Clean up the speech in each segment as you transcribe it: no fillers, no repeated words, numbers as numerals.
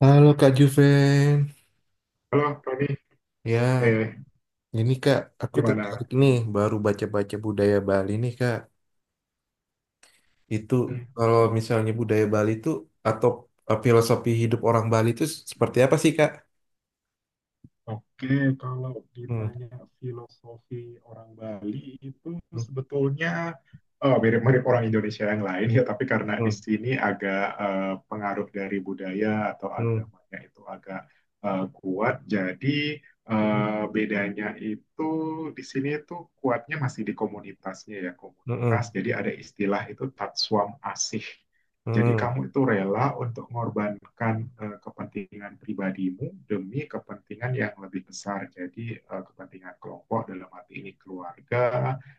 Halo Kak Juven. Halo, Tony. Ya, Eh, ini Kak, aku gimana? tertarik nih Hmm. baru baca-baca budaya Bali nih Kak. Itu Hmm, kalau misalnya budaya Bali itu atau filosofi hidup orang Bali itu seperti apa sih Kak? Oke, kalau Hmm, ditanya filosofi orang Bali itu hmm, sebetulnya. Oh, mirip-mirip orang Indonesia yang lain ya, tapi karena di sini agak pengaruh dari budaya atau hmm, agamanya itu agak kuat, jadi hmm, eh, bedanya itu di sini itu kuatnya masih di komunitasnya ya, komunitas. hmm, Jadi ada istilah itu Tatswam Asih. Jadi hmm, kamu itu rela untuk mengorbankan kepentingan pribadimu demi kepentingan yang lebih besar. Jadi kepentingan kelompok dalam arti ini keluarga,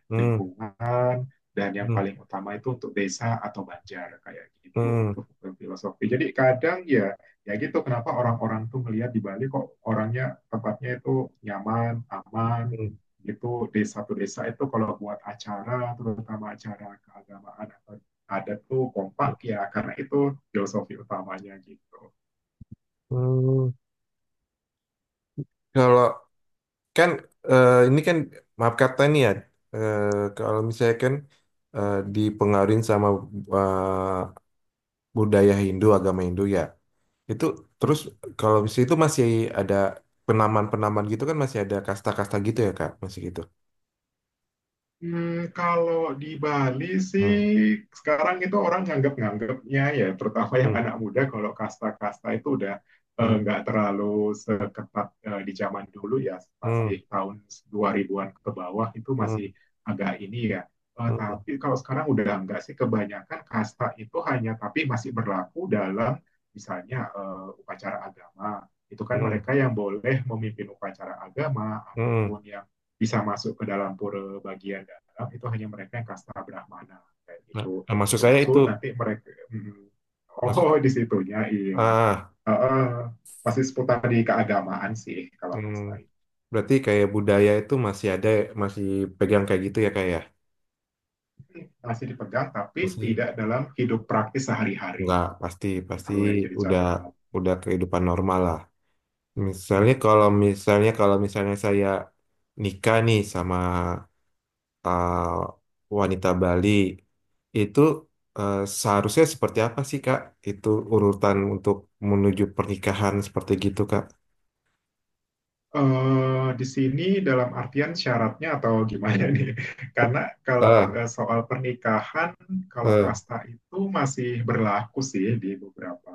hmm, hmm, lingkungan, dan yang hmm, paling utama itu untuk desa atau banjar kayak gitu. hmm, Itu filosofi. Jadi kadang ya ya gitu, kenapa orang-orang tuh melihat di Bali kok orangnya, tempatnya itu nyaman, aman, hmm, gitu. Desa, satu desa itu kalau buat acara, terutama acara keagamaan atau ada tuh, kompak ya, karena itu filosofi utamanya gitu. hmm. Kalau kan ini kan maaf kata nih ya, eh, kalau misalnya kan dipengaruhi sama budaya Hindu, agama Hindu ya. Itu terus Hmm. kalau di situ masih ada penaman-penaman gitu kan masih ada kasta-kasta gitu ya Kak, masih gitu. Kalau di Bali sih Hmm, sekarang itu orang nganggap-nganggapnya ya, terutama yang hmm, anak muda, kalau kasta-kasta itu udah hmm, nggak terlalu seketat di zaman dulu ya, masih hmm, tahun 2000-an ke bawah itu masih hmm, agak ini ya. Eh, hmm, tapi kalau sekarang udah nggak sih kebanyakan, kasta itu hanya tapi masih berlaku dalam misalnya upacara agama, itu kan hmm, mereka yang boleh memimpin upacara agama hmm. ataupun yang bisa masuk ke dalam pura bagian dalam itu hanya mereka yang kasta Brahmana kayak Nah, gitu, nah, maksud saya itu termasuk nanti mereka. hmm, maksud oh di situnya iya. ah, Uh, uh, masih seputar di keagamaan sih kalau hmm, kasta berarti kayak budaya itu masih ada masih pegang kayak gitu ya kayak ya. itu masih dipegang tapi Masih tidak dalam hidup praktis sehari-hari, nggak pasti pasti itu yang jadi udah catatan. udah kehidupan normal lah. Misalnya saya nikah nih sama eh, wanita Bali itu eh, seharusnya seperti apa sih Kak? Itu urutan untuk menuju pernikahan seperti gitu Kak. Di sini dalam artian syaratnya atau gimana nih? Karena kalau Ah, soal pernikahan, kalau eh, kasta itu masih berlaku sih di beberapa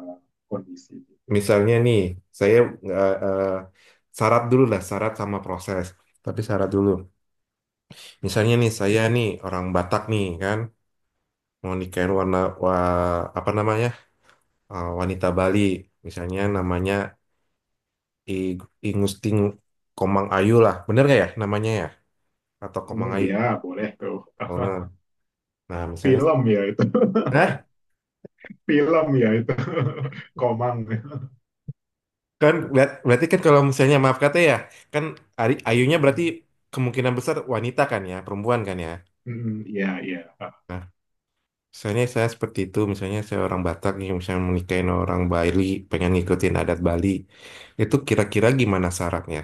kondisi. misalnya nih, saya eh, eh, syarat dulu lah, syarat sama proses. Tapi syarat dulu. Misalnya nih, saya nih orang Batak nih kan, mau nikahin apa namanya wanita Bali, misalnya namanya I- Ingusting Komang Ayu lah, bener gak ya namanya ya? Atau Komang Hmm, Ayu? ya, boleh tuh. Oh, nah, misalnya, Film ya itu. nah Film ya itu. Komang. kan berarti kan kalau misalnya maaf kata ya, kan Ayunya berarti Hmm, kemungkinan besar wanita kan ya, perempuan kan ya. hmm, ya, ya. Nah, misalnya saya seperti itu, misalnya saya orang Batak nih, misalnya menikahin orang Bali, pengen ngikutin adat Bali, itu kira-kira gimana syaratnya?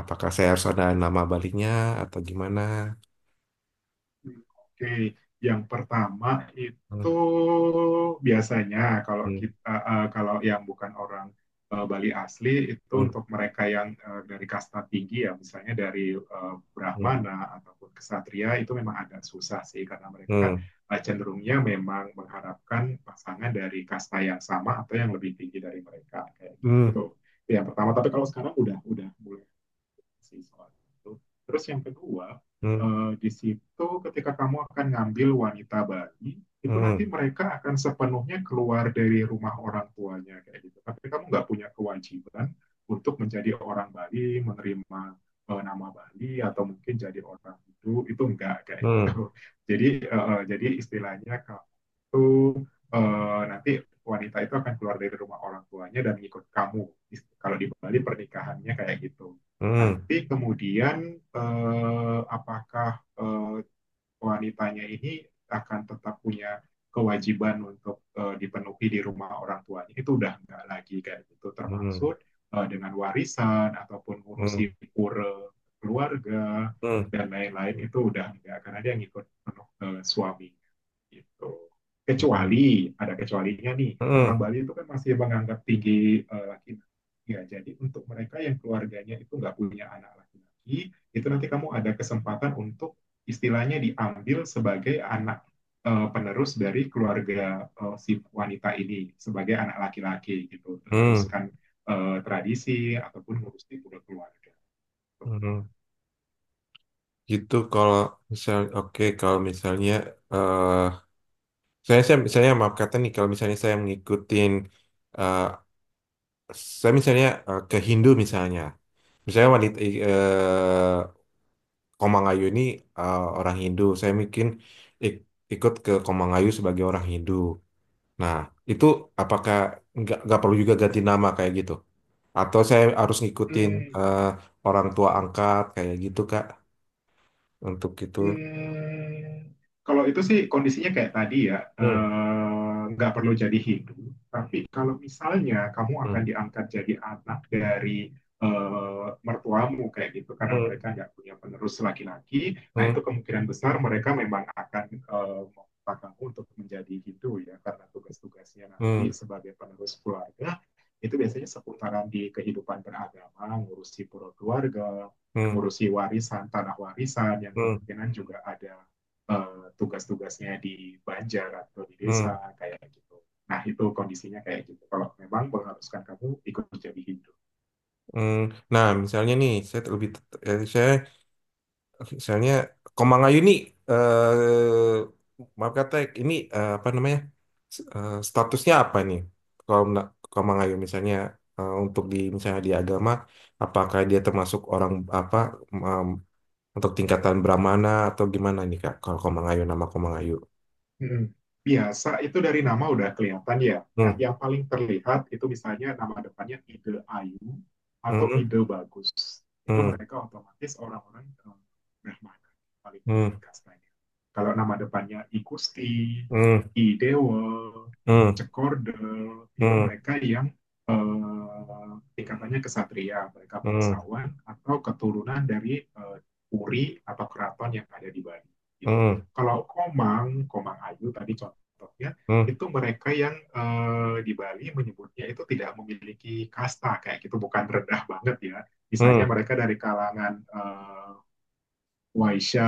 Apakah saya harus ada nama Balinya atau gimana? Oke, yang pertama itu Hmm, biasanya kalau hmm, kita kalau yang bukan orang Bali asli itu, untuk mereka yang dari kasta tinggi ya, misalnya dari hmm, Brahmana ataupun kesatria, itu memang agak susah sih karena mereka hmm, cenderungnya memang mengharapkan pasangan dari kasta yang sama atau yang lebih tinggi dari mereka kayak gitu. Itu yang pertama. Tapi kalau sekarang udah mulai sih soal itu. Terus yang kedua, hmm, di situ ketika kamu akan ngambil wanita bayi, itu nanti hmm, mereka akan sepenuhnya keluar dari rumah orang tuanya kayak gitu. Tapi kamu nggak punya kewajiban untuk menjadi orang Bali, menerima nama Bali, atau mungkin jadi orang itu enggak kayak gitu. hmm, Jadi istilahnya kamu tuh nanti wanita itu akan keluar dari rumah orang tuanya dan ngikut kamu. Kalau di Bali pernikahannya kayak gitu. hmm, Nanti kemudian apakah eh, wanitanya ini akan tetap punya kewajiban untuk dipenuhi di rumah orang tuanya, itu udah nggak lagi kayak gitu, hmm, termaksud dengan warisan ataupun hmm, hmm, ngurusi pura keluarga hmm, dan lain-lain, itu udah nggak, karena dia ngikut penuh suami gitu. hmm, hmm, Kecuali, ada kecualinya nih, hmm, orang hmm, Bali itu kan masih menganggap tinggi laki-laki. Ya, jadi untuk mereka yang keluarganya itu nggak punya anak laki-laki, itu nanti kamu ada kesempatan untuk istilahnya diambil sebagai anak penerus dari keluarga si wanita ini, sebagai anak laki-laki gitu, hmm, meneruskan tradisi ataupun ngurusin keluarga. Gitu. hmm. Gitu kalau oke kalau misalnya eh saya misalnya maaf kata nih kalau misalnya saya mengikutin eh saya misalnya ke Hindu misalnya misalnya wanita eh Komangayu ini orang Hindu saya mungkin ik- ikut ke Komangayu sebagai orang Hindu nah itu apakah nggak perlu juga ganti nama kayak gitu atau saya harus ngikutin Hmm. eh, orang tua angkat kayak gitu Kak untuk itu Hmm, kalau itu sih kondisinya kayak tadi ya, hmm. Nggak perlu jadi Hindu. Tapi kalau misalnya kamu Hmm. akan diangkat jadi anak dari mertuamu kayak gitu, karena Hmm. mereka nggak punya penerus laki-laki, nah itu Hmm. kemungkinan besar mereka memang akan meminta kamu untuk menjadi Hindu ya, karena tugas-tugasnya nanti Hmm, sebagai penerus keluarga itu biasanya seputaran di kehidupan beragama, ngurusi pura keluarga, hmm, ngurusi warisan, tanah warisan, yang hmm, kemungkinan juga ada tugas-tugasnya di Banjar atau di desa hmm, kayak gitu. Nah, itu kondisinya kayak gitu. Kalau memang mengharuskan kamu ikut jadi himpunan. hmm. Nah, misalnya nih, saya lebih, saya, misalnya Komang nih, eh, maaf kata, ini apa namanya, statusnya apa nih? Kalau Komang misalnya untuk di misalnya di agama, apakah dia termasuk orang apa em, untuk tingkatan Brahmana atau gimana nih Kak? Kalau Komang nama Komang Ayu. Mm-mm. Biasa itu dari nama udah kelihatan ya. Nah, Hmm, yang paling terlihat itu misalnya nama depannya ide ayu atau hmm, ide bagus. Itu hmm, mereka otomatis orang-orang Brahmana, paling tinggi hmm, kastanya. Kalau nama depannya I Kusti, hmm, I Dewa, hmm, Cekorde, itu hmm, mereka yang tingkatannya kesatria, mereka hmm, bangsawan atau keturunan dari puri atau keraton yang ada di Bali gitu. hmm, Kalau Komang, Komang Ayu tadi contohnya, hmm. itu mereka yang di Bali menyebutnya itu tidak memiliki kasta kayak gitu, bukan rendah banget ya. Misalnya Hmm. mereka dari kalangan Waisya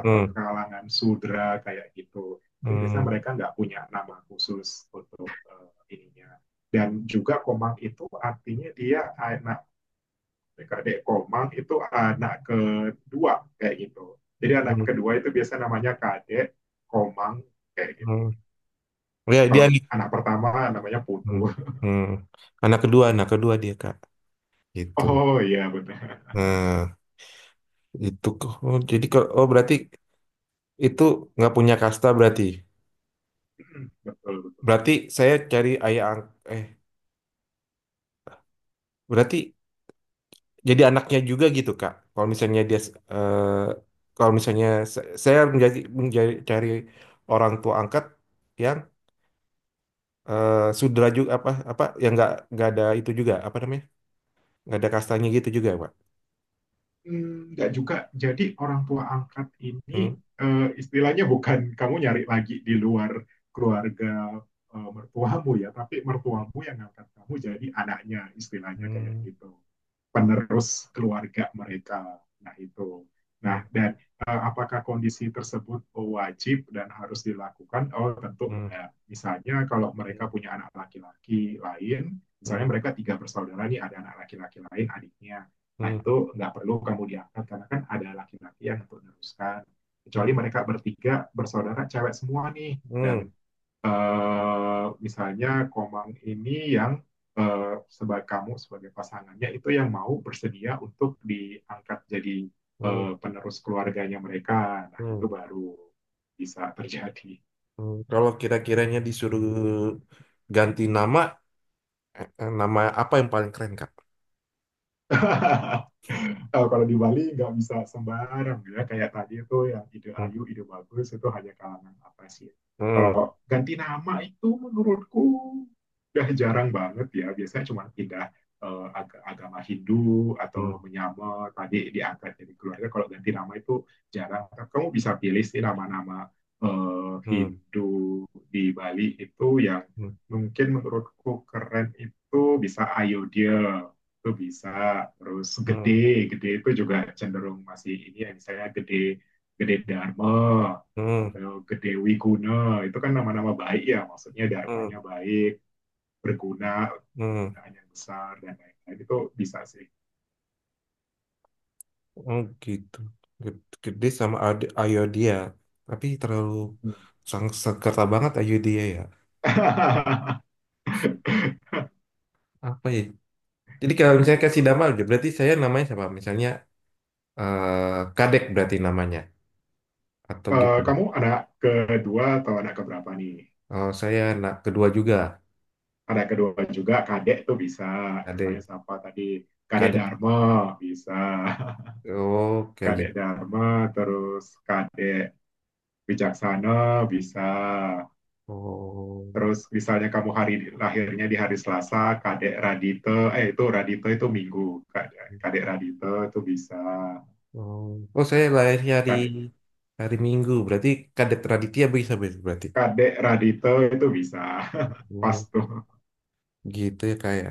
atau Hmm, kalangan Sudra kayak gitu. Itu biasanya hmm, mereka nggak punya nama khusus untuk ininya. Dan juga Komang itu artinya dia adik, Komang itu anak kedua kayak gitu. Jadi anak hmm, kedua itu biasa namanya kadek, Komang kayak gitu. hmm. Ya, Kalau dia nih. anak pertama namanya Putu. Hmm, hmm. Anak kedua dia, Kak. Gitu. Oh, iya, benar. Nah, itu, kok. Oh, jadi kalau berarti itu nggak punya kasta berarti. Betul, betul. Berarti saya cari ayah berarti jadi anaknya juga gitu, Kak. Kalau misalnya dia kalau misalnya saya menjadi menjadi cari orang tua angkat yang sudra juga apa apa yang nggak ada itu juga apa namanya nggak ada kastanya gitu juga, Pak. Enggak juga. Jadi orang tua angkat ini Hmm. Istilahnya bukan kamu nyari lagi di luar keluarga mertuamu ya, tapi mertuamu yang angkat kamu jadi anaknya istilahnya kayak Hmm. gitu, penerus keluarga mereka. Nah, itu. Nah, Hmm, dan apakah kondisi tersebut wajib dan harus dilakukan? Oh, tentu hmm, enggak. Misalnya kalau mereka hmm, punya anak laki-laki lain, misalnya hmm, mereka tiga bersaudara nih, ada anak laki-laki lain, adiknya. Nah, hmm, itu nggak perlu kamu diangkat karena kan ada laki-laki yang untuk meneruskan. Kecuali hmm, mereka bertiga bersaudara cewek semua nih, dan hmm, misalnya Komang ini yang sebagai kamu sebagai pasangannya itu yang mau bersedia untuk diangkat jadi hmm, penerus keluarganya mereka. Nah, itu hmm, baru bisa terjadi. hmm. Kalau kira-kiranya disuruh ganti nama, nama apa yang paling keren, Kak? Kalau di Bali nggak bisa sembarang ya, kayak tadi itu yang ide Hmm, ayu, ide bagus itu hanya kalangan atas ya. hmm, Kalau ganti nama itu menurutku udah jarang banget ya, biasanya cuma pindah agama Hindu atau hmm, menyamar tadi diangkat jadi keluarga. Kalau ganti nama itu jarang, kamu bisa pilih sih nama-nama hmm, Hindu di Bali itu yang hmm, mungkin menurutku keren itu, bisa Ayodhya, itu bisa. Terus gede, hmm, gede itu juga cenderung masih ini ya, misalnya gede, gede Dharma hmm, atau gede Wiguna, itu kan nama-nama baik ya, maksudnya hmm, dharmanya baik, berguna, hmm. kegunaan yang besar dan lain-lain, itu bisa sih. Oh, gitu. Gede sama Ayo dia, tapi terlalu sang sekerta banget Ayo dia ya. Apa ya? Jadi kalau misalnya kasih nama, Gitu. berarti saya namanya siapa? Misalnya Kadek berarti namanya atau Eh, gimana? kamu anak kedua atau anak keberapa nih? Oh, saya anak kedua juga. Anak kedua juga, kadek tuh bisa, misalnya Adik, siapa tadi, kadek kadek. Dharma bisa. Oh, kayak Kadek gitu. Dharma, terus Kadek Wijaksana bisa. Oh, Terus misalnya kamu hari lahirnya di hari Selasa, Kadek Radite, eh itu Radite itu Minggu. Kadek Radite itu bisa. oh, oh, saya lahirnya hari Kadek, hari Minggu. Berarti kadek Raditya bisa berarti. kadek Radite itu bisa. Pas Oh, tuh. gitu ya kayak.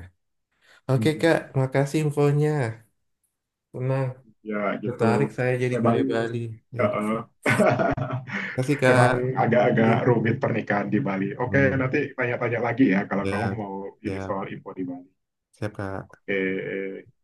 Oke Kak, makasih infonya. Tenang, Ya gitu. tertarik saya jadi Memang budaya Bali. Ya, eh, makasih Kak. emang agak-agak Hmm, rumit pernikahan di Bali. Oke, nanti tanya-tanya lagi ya kalau kamu ya, mau ini ya, soal info di Bali. siap Kak. Oke,